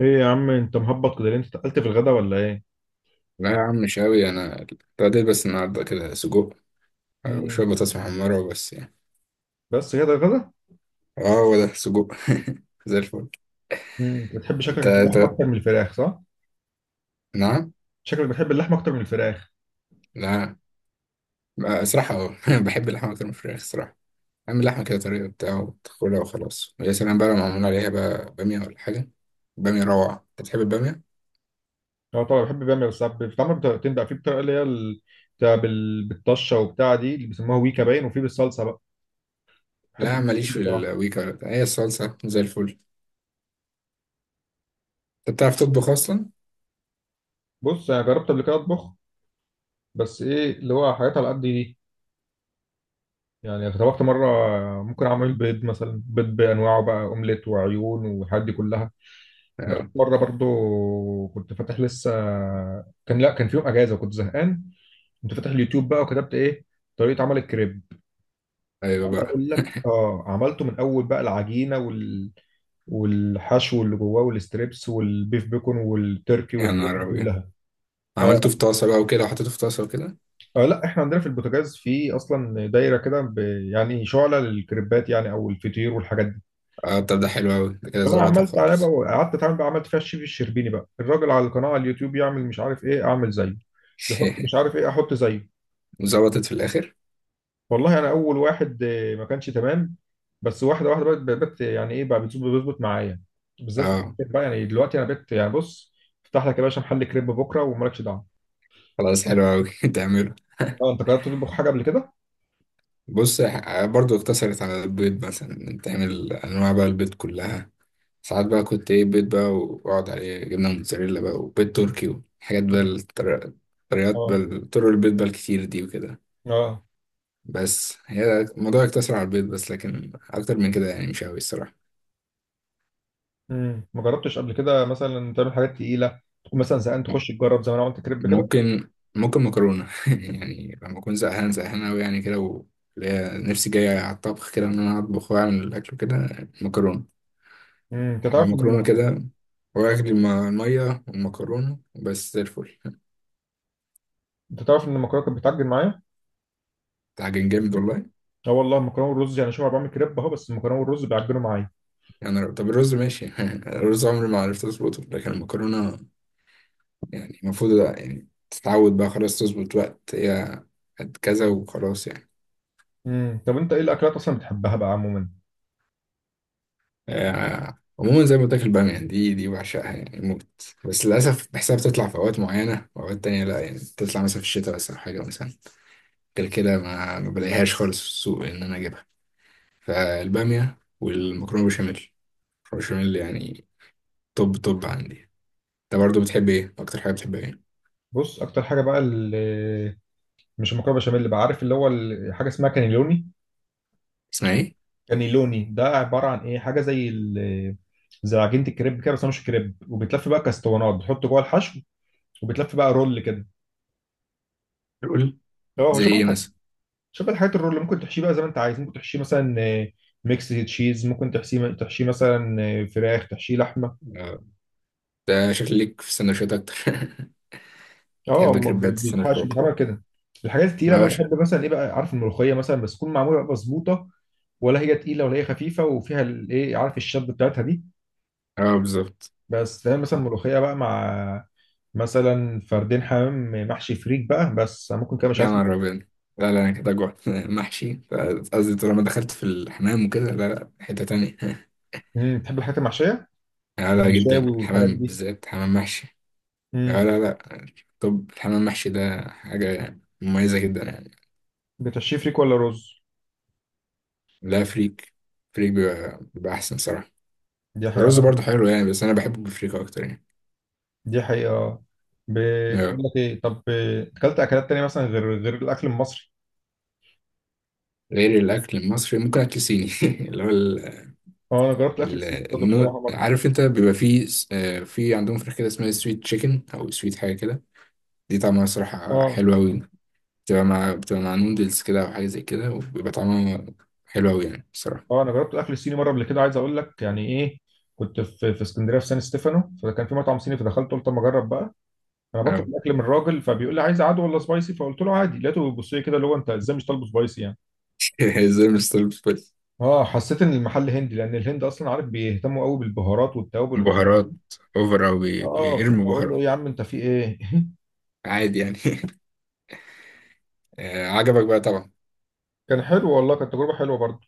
ايه يا عم، انت مهبط كده ليه؟ انت اتقلت في الغدا ولا ايه؟ لا يا عم، مش قوي. انا ابتديت بس النهارده كده سجق مم. وشويه بطاطس محمره وبس يعني. بس كده الغدا؟ اه هو ده سجق زي الفل. مم. بتحب انت شكلك اللحمه أنت- اكتر من الفراخ، صح؟ نعم. شكلك بتحب اللحمه اكتر من الفراخ. لا، بقى صراحه اه بحب اللحمه اكتر من الفراخ صراحه. اعمل لحمه كده طريقه بتاعه وتاكلها وخلاص، ويا سلام بقى لو معمول عليها بقى باميه ولا حاجه. باميه روعه، انت بتحب الباميه؟ اه طبعا بحب. بيعمل بس ساعات بتتعمل بطريقتين بقى. في بطريقه اللي هي بتاع بالطشه، وبتاع دي اللي بيسموها ويكا باين، وفي بالصلصه بقى. بحب لا، الاتنين ماليش في بصراحه. الويكا ولا بتاع. هي الصلصه زي الفل. انت بتعرف تطبخ اصلا؟ بص، انا جربت قبل كده اطبخ، بس ايه اللي هو حاجات على قد دي. يعني طبخت مره. ممكن اعمل بيض مثلا، بيض بانواعه بقى، اومليت وعيون والحاجات دي كلها. اه مره برضو كنت فاتح لسه. لا، كان في يوم اجازه وكنت زهقان. كنت فاتح اليوتيوب بقى وكتبت ايه؟ طريقه عمل الكريب. ايوه عايز بقى. اقول لك، عملته من اول بقى، العجينه وال... والحشو اللي جواه والستريبس والبيف بيكون والتركي يا والحاجات نهار دي ابيض. كلها. عملته اه. في طاسه بقى وكده وحطيته في طاسه وكده. آه، لا، احنا عندنا في البوتاجاز في اصلا دايره كده ب... يعني شعله للكريبات يعني، او الفطير والحاجات دي. اه طب ده حلو أوي، ده كده فانا ظبطها عملت عليها بقى. خالص. قعدت اتعامل بقى، عملت فيها الشيف الشربيني بقى، الراجل على القناه على اليوتيوب، يعمل مش عارف ايه اعمل زيه، يحط مش عارف ايه احط زيه. وظبطت في الآخر. والله انا اول واحد، ما كانش تمام. بس واحده واحده بقت يعني ايه بقى، بتظبط بيظبط معايا. بالذات في اه الأكل بقى، يعني دلوقتي انا بقيت يعني، بص، افتح لك يا باشا محل كريب بكره ومالكش دعوه. خلاص حلو أوي تعمله. اه انت جربت تطبخ حاجه قبل كده؟ بص برضو اقتصرت على البيض، مثلا تعمل أنواع بقى البيض كلها. ساعات بقى كنت إيه، بيض بقى وأقعد عليه جبنة موتزاريلا بقى وبيض تركي، وحاجات بقى مم. طريقات اه. بقى، طرق البيض بقى الكتير دي وكده. اه. بس هي الموضوع يقتصر على البيض بس، لكن أكتر من كده يعني مش أوي الصراحة. ما جربتش قبل كده مثلا تعمل حاجات تقيله، تكون مثلا زهقان تخش تجرب زي ما انا عملت كريب كده. ممكن مكرونة يعني لما أكون زهقان زهقان أوي يعني كده اللي هي نفسي جاية على الطبخ كده إن أنا أطبخ وأعمل الأكل كده. مكرونة. امم انت تعرف ان مكرونة الم- كده، وآكل المية والمكرونة وبس زي الفل. انت تعرف ان المكرونه كانت بتعجن معايا؟ ده حاجة جامد والله. اه والله، المكرونه والرز يعني، شوف انا بعمل كريب اهو، بس المكرونه والرز بيعجنوا معايا. يعني طب الرز ماشي الرز عمري ما عرفت أظبطه، لكن المكرونة يعني المفروض يعني تتعود بقى خلاص، تظبط وقت هي قد كذا وخلاص يعني. طب انت ايه الاكلات اصلا بتحبها بقى عموما؟ عموما زي ما قلت لك البامية دي بعشقها يعني موت. بس للأسف بحسها بتطلع في أوقات معينة وأوقات تانية لأ، يعني بتطلع مثلا في الشتاء بس أو حاجة مثلا. غير كده ما بلاقيهاش خالص في السوق إن أنا أجيبها. فالبامية والمكرونة بشاميل، المكرونة بشاميل يعني. توب توب عندي. أنت برضه بتحب إيه؟ أكتر حاجة بتحبها إيه؟ بص، اكتر حاجه بقى اللي، مش المكرونه بشاميل، اللي بقى عارف اللي هو حاجه اسمها كانيلوني. اسمها إيه؟ كانيلوني ده عباره عن ايه، حاجه زي ال... زي عجينه الكريب كده، بس هو مش كريب. وبتلف بقى كاستوانات، بتحط جوه الحشو، وبتلف بقى رول كده. قول. اه، هو زي شبه إيه الحاجه، مثلا؟ شبه الحاجات الرول اللي ممكن تحشيه بقى زي ما انت عايز. ممكن تحشيه مثلا ميكس تشيز، ممكن تحشيه مثلا فراخ، تحشيه لحمه. آه، ده شكل ليك في السندوتشات أكتر اه، تحب هم كريبات السندوتشات بيتحاشوا بيتعمل أكتر؟ كده. الحاجات التقيله بقى أه بحب مثلا ايه بقى، عارف الملوخيه مثلا، بس تكون معموله بقى مظبوطه، ولا هي تقيله ولا هي خفيفه، وفيها الايه، عارف الشد بتاعتها دي. أه بالظبط. بس تعمل مثلا ملوخيه بقى، مع مثلا فردين حمام محشي فريك بقى، بس أنا ممكن كده مش يا عارف. نهار أبيض، لا لا أنا كده جوعت محشي قصدي طالما دخلت في الحمام وكده لا لا حتة تانية. تحب الحاجات المحشيه، لا لا جدا المشاوي والحاجات الحمام دي؟ بالذات حمام محشي. لا امم لا لا. طب الحمام محشي ده حاجة مميزة جدا يعني. بتحشيه فريك ولا رز؟ لا، فريك. فريك بيبقى أحسن صراحة. دي الرز برضه حقيقه. حلو يعني، بس أنا بحبه بالفريك أكتر يعني. دي حقيقه. بتقول أيوة. لك ايه طب، اكلت اكلات تانية مثلا غير الاكل المصري؟ غير الأكل المصري ممكن أكل صيني اللي هو اه، انا جربت الاكل السوري برضه النوع بصراحه مره. عارف أنت بيبقى فيه في عندهم فراخ كده اسمها سويت تشيكن أو سويت حاجة كده. دي طعمها صراحة اه. حلوة أوي. بتبقى مع نودلز كده أو حاجة زي كده، وبيبقى طعمها حلو أوي يعني بصراحة. اه، انا جربت الاكل الصيني مره قبل كده. عايز اقول لك يعني ايه، كنت في اسكندريه في سان ستيفانو، فكان في مطعم صيني فدخلت قلت اما اجرب بقى. انا بطلب أوي. الاكل من الراجل، فبيقول لي عايز عادي ولا سبايسي؟ فقلت له عادي. لقيته بيبص لي كده، اللي هو انت ازاي مش طالبه سبايسي يعني. زي مش طالب فل. اه، حسيت ان المحل هندي، لان الهند اصلا عارف بيهتموا قوي بالبهارات والتوابل والحاجات دي. بهارات أوفر أو اه كنت بيرموا اقول له بهارات. إيه يا عم انت في ايه؟ عادي يعني عجبك بقى طبعا. كان حلو والله، كانت تجربه حلوه برضه.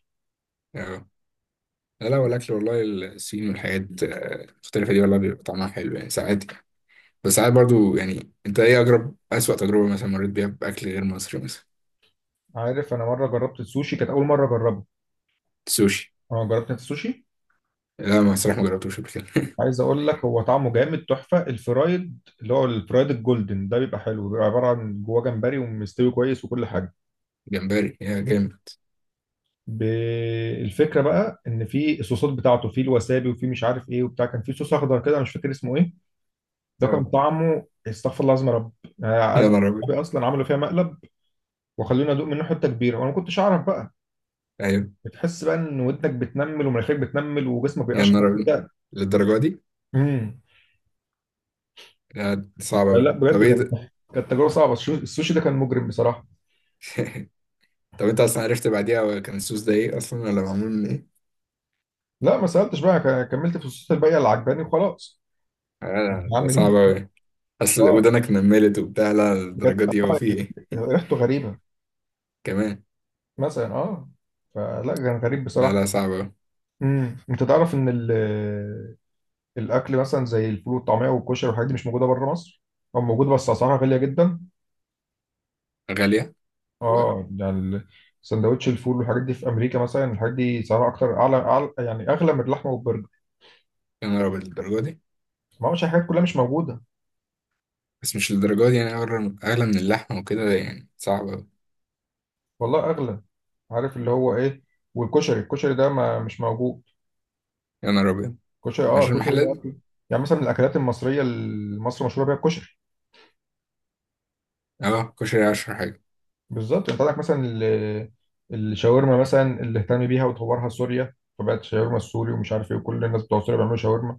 آه. لا لا والأكل والله الصين والحاجات المختلفة دي، والله بيبقى طعمها حلو يعني ساعات. بس ساعات برضو يعني، أنت إيه أجرب أسوأ تجربة مثلا مريت بيها بأكل غير مصري مثلا. عارف، انا مره جربت السوشي، كانت اول مره اجربه. سوشي. اه، جربت انت السوشي؟ لا ما الصراحة ما جربتوش قبل كده. عايز اقول لك، هو طعمه جامد تحفه. الفرايد اللي هو الفرايد الجولدن ده بيبقى حلو، بيبقى عباره عن جواه جمبري ومستوي كويس وكل حاجه. جمبري يا جامد ب- الفكره بقى ان في الصوصات بتاعته، في الوسابي وفي مش عارف ايه وبتاع، كان في صوص اخضر كده، أنا مش فاكر اسمه ايه. ده كان اه. طعمه استغفر الله العظيم يا رب. أنا عايز يا أقول نهار أبيض. لك اصلا عملوا فيها مقلب، وخلونا ادوق منه حته كبيره، وانا ما كنتش اعرف بقى. أيوه. بتحس بقى ان ودنك بتنمل، ومناخيرك بتنمل، وجسمك يا بيقشعر نهار أبيض. كده. للدرجة دي؟ امم لا صعب لا لا، أوي، طب بجد إيه كان، ده؟ كانت تجربه صعبه. السوشي ده كان مجرم بصراحه. طب أنت أصلا عرفت بعديها كان السوس ده إيه أصلا ولا معمول من إيه؟ لا، ما سالتش بقى. كملت في الصوصات الباقيه اللي عجباني وخلاص. لا ده هعمل صعب ايه؟ أوي. أصل اه ودانك نملت وبتاع، لا بجد. الدرجة دي هو آه، في إيه؟ ريحته غريبه كمان. مثلا، فلا كان غريب لا بصراحه. لا صعب أوي. انت تعرف ان الاكل مثلا زي الفول والطعميه والكشري والحاجات دي مش موجوده بره مصر؟ او موجوده بس اسعارها غاليه جدا. غالية والله. اه يعني سندوتش الفول والحاجات دي في امريكا مثلا، الحاجات دي سعرها اكتر أعلى يعني اغلى من اللحمه والبرجر. يا نهار أبيض، الدرجة دي. ما هوش الحاجات كلها مش موجوده. بس مش الدرجة دي يعني، أغلى أغلى من اللحمة وكده يعني صعب أوي. والله اغلى. عارف اللي هو ايه، والكشري، ده ما مش موجود. يا نهار أبيض، كشري، عشان كشري المحلات. ده اكل يعني، مثلا من الاكلات المصريه اللي مصر مشهوره بيها الكشري. أه كشري عشرة حاجة. بالظبط، انت عندك مثلا الشاورما مثلا، اللي اهتم بيها وطورها سوريا، فبقت شاورما السوري ومش عارف ايه، وكل الناس بتوع سوريا بيعملوا شاورما.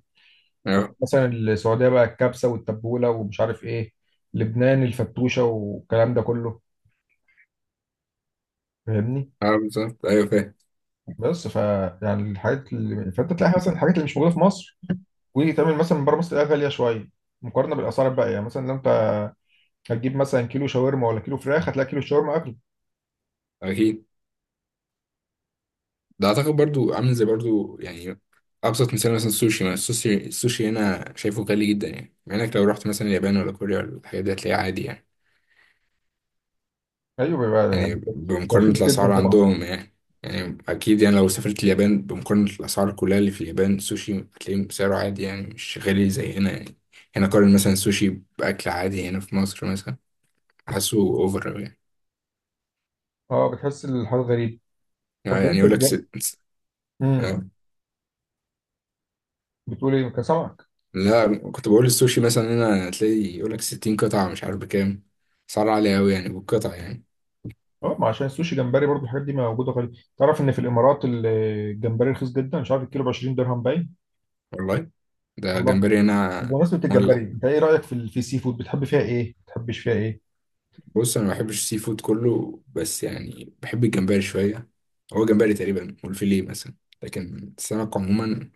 عندك أه. مثلا السعوديه بقى الكبسه والتبوله ومش عارف ايه. لبنان الفتوشه والكلام ده كله. فاهمني؟ أه بالظبط أيوه فاهم. بس ف، يعني الحاجات اللي، فانت تلاقي مثلا الحاجات اللي مش موجوده في مصر وتعمل مثلا من بره مصر، تلاقيها غاليه شويه مقارنه بالاسعار الباقيه يعني. مثلا لو انت هتجيب مثلا كيلو شاورما ولا كيلو فراخ، هتلاقي كيلو الشاورما اغلى. أكيد. ده اعتقد برضو عامل زي برضو يعني. ابسط مثال مثلا السوشي ما السوشي هنا شايفه غالي جدا يعني، مع انك لو رحت مثلا اليابان ولا كوريا ولا الحاجات دي هتلاقيه عادي يعني. ايوه بقى يعني. يعني بمقارنة رخيص الاسعار جدا طبعا. عندهم يعني. يعني اكيد يعني لو سافرت اليابان، بمقارنة الاسعار كلها اللي في اليابان السوشي هتلاقيه سعره عادي يعني مش غالي زي هنا يعني. هنا قارن مثلا السوشي باكل عادي هنا في مصر مثلا، حاسه اوفر أوي اه، بتحس الحاجه غريب. طب يعني انت يقول لك بجد، ست. امم آه، بتقول ايه، كان سمك؟ لا كنت بقول السوشي مثلا هنا هتلاقي يقول لك 60 قطعة مش عارف بكام، سعر عالي أوي يعني بالقطعة يعني. اه، ما عشان السوشي جمبري برضو، الحاجات دي موجوده. غريب، تعرف ان في الامارات الجمبري رخيص جدا، مش عارف الكيلو ب 20 درهم باين. والله. ده والله، جمبري هنا. طب بمناسبة مولع. الجمبري، انت ايه رايك في في السي فود؟ بتحب فيها ايه، ما بتحبش فيها ايه؟ بص أنا ما بحبش السي فود كله، بس يعني بحب الجمبري شوية. هو جمبري تقريبا والفيليه مثلا. لكن السمك عموما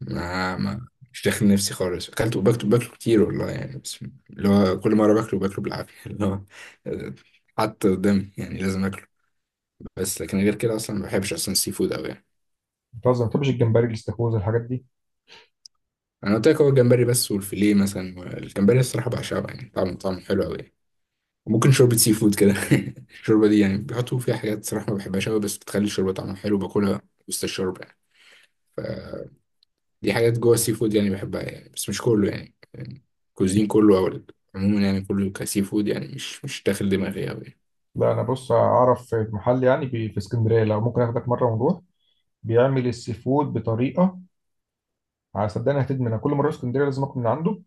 ما مش داخل نفسي خالص، أكلته باكله كتير والله يعني، بس اللي هو كل مرة باكله بالعافية اللي هو حتى قدامي يعني لازم أكله. بس لكن غير كده أصلا ما بحبش أصلا السي فود أوي يعني. بتهزر، ما بتحبش الجمبري، الاستاكوزا، الحاجات دي؟ انا قلت لك هو الجمبري بس والفيليه مثلا. الجمبري الصراحه بعشقه يعني، طعمه حلو قوي يعني. وممكن شوربه سي فود كده الشوربه دي يعني بيحطوا فيها حاجات صراحه ما بحبهاش قوي، بس بتخلي الشوربه طعمها حلو، باكلها وسط الشوربه يعني. فدي حاجات جوه السي فود يعني بحبها يعني، بس مش كله يعني. كوزين كله او عموما يعني كله كسي فود يعني مش داخل دماغي قوي يعني. لا انا بص، اعرف في محل يعني في اسكندريه، لو ممكن اخدك مره ونروح. بيعمل السي فود بطريقه، صدقني هتدمنها. كل مره في اسكندريه لازم اكل من عنده.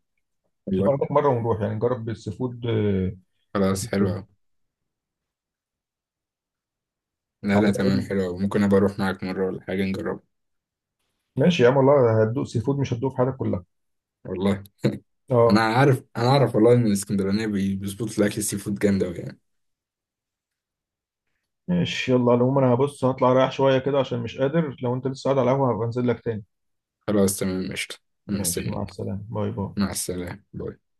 والله. اخدك مره ونروح يعني نجرب السي فود. خلاص حلو قوي. لا لا تمام أو- حلو قوي، ممكن ابقى اروح معاك مره ولا حاجه نجربها. ماشي يا عم، والله هتدوق سي فود مش هتدوق في حياتك كلها. والله اه. انا عارف. انا اعرف والله ان الاسكندرانيه بيظبطوا الاكل السي فود جامد قوي. ماشي، يلا على العموم انا هبص هطلع رايح شويه كده عشان مش قادر. لو انت لسه قاعد على القهوه هبقى انزل لك تاني. خلاص تمام قشطة. ماشي، مع مستنيك. السلامه، باي باي. مع السلامة باي.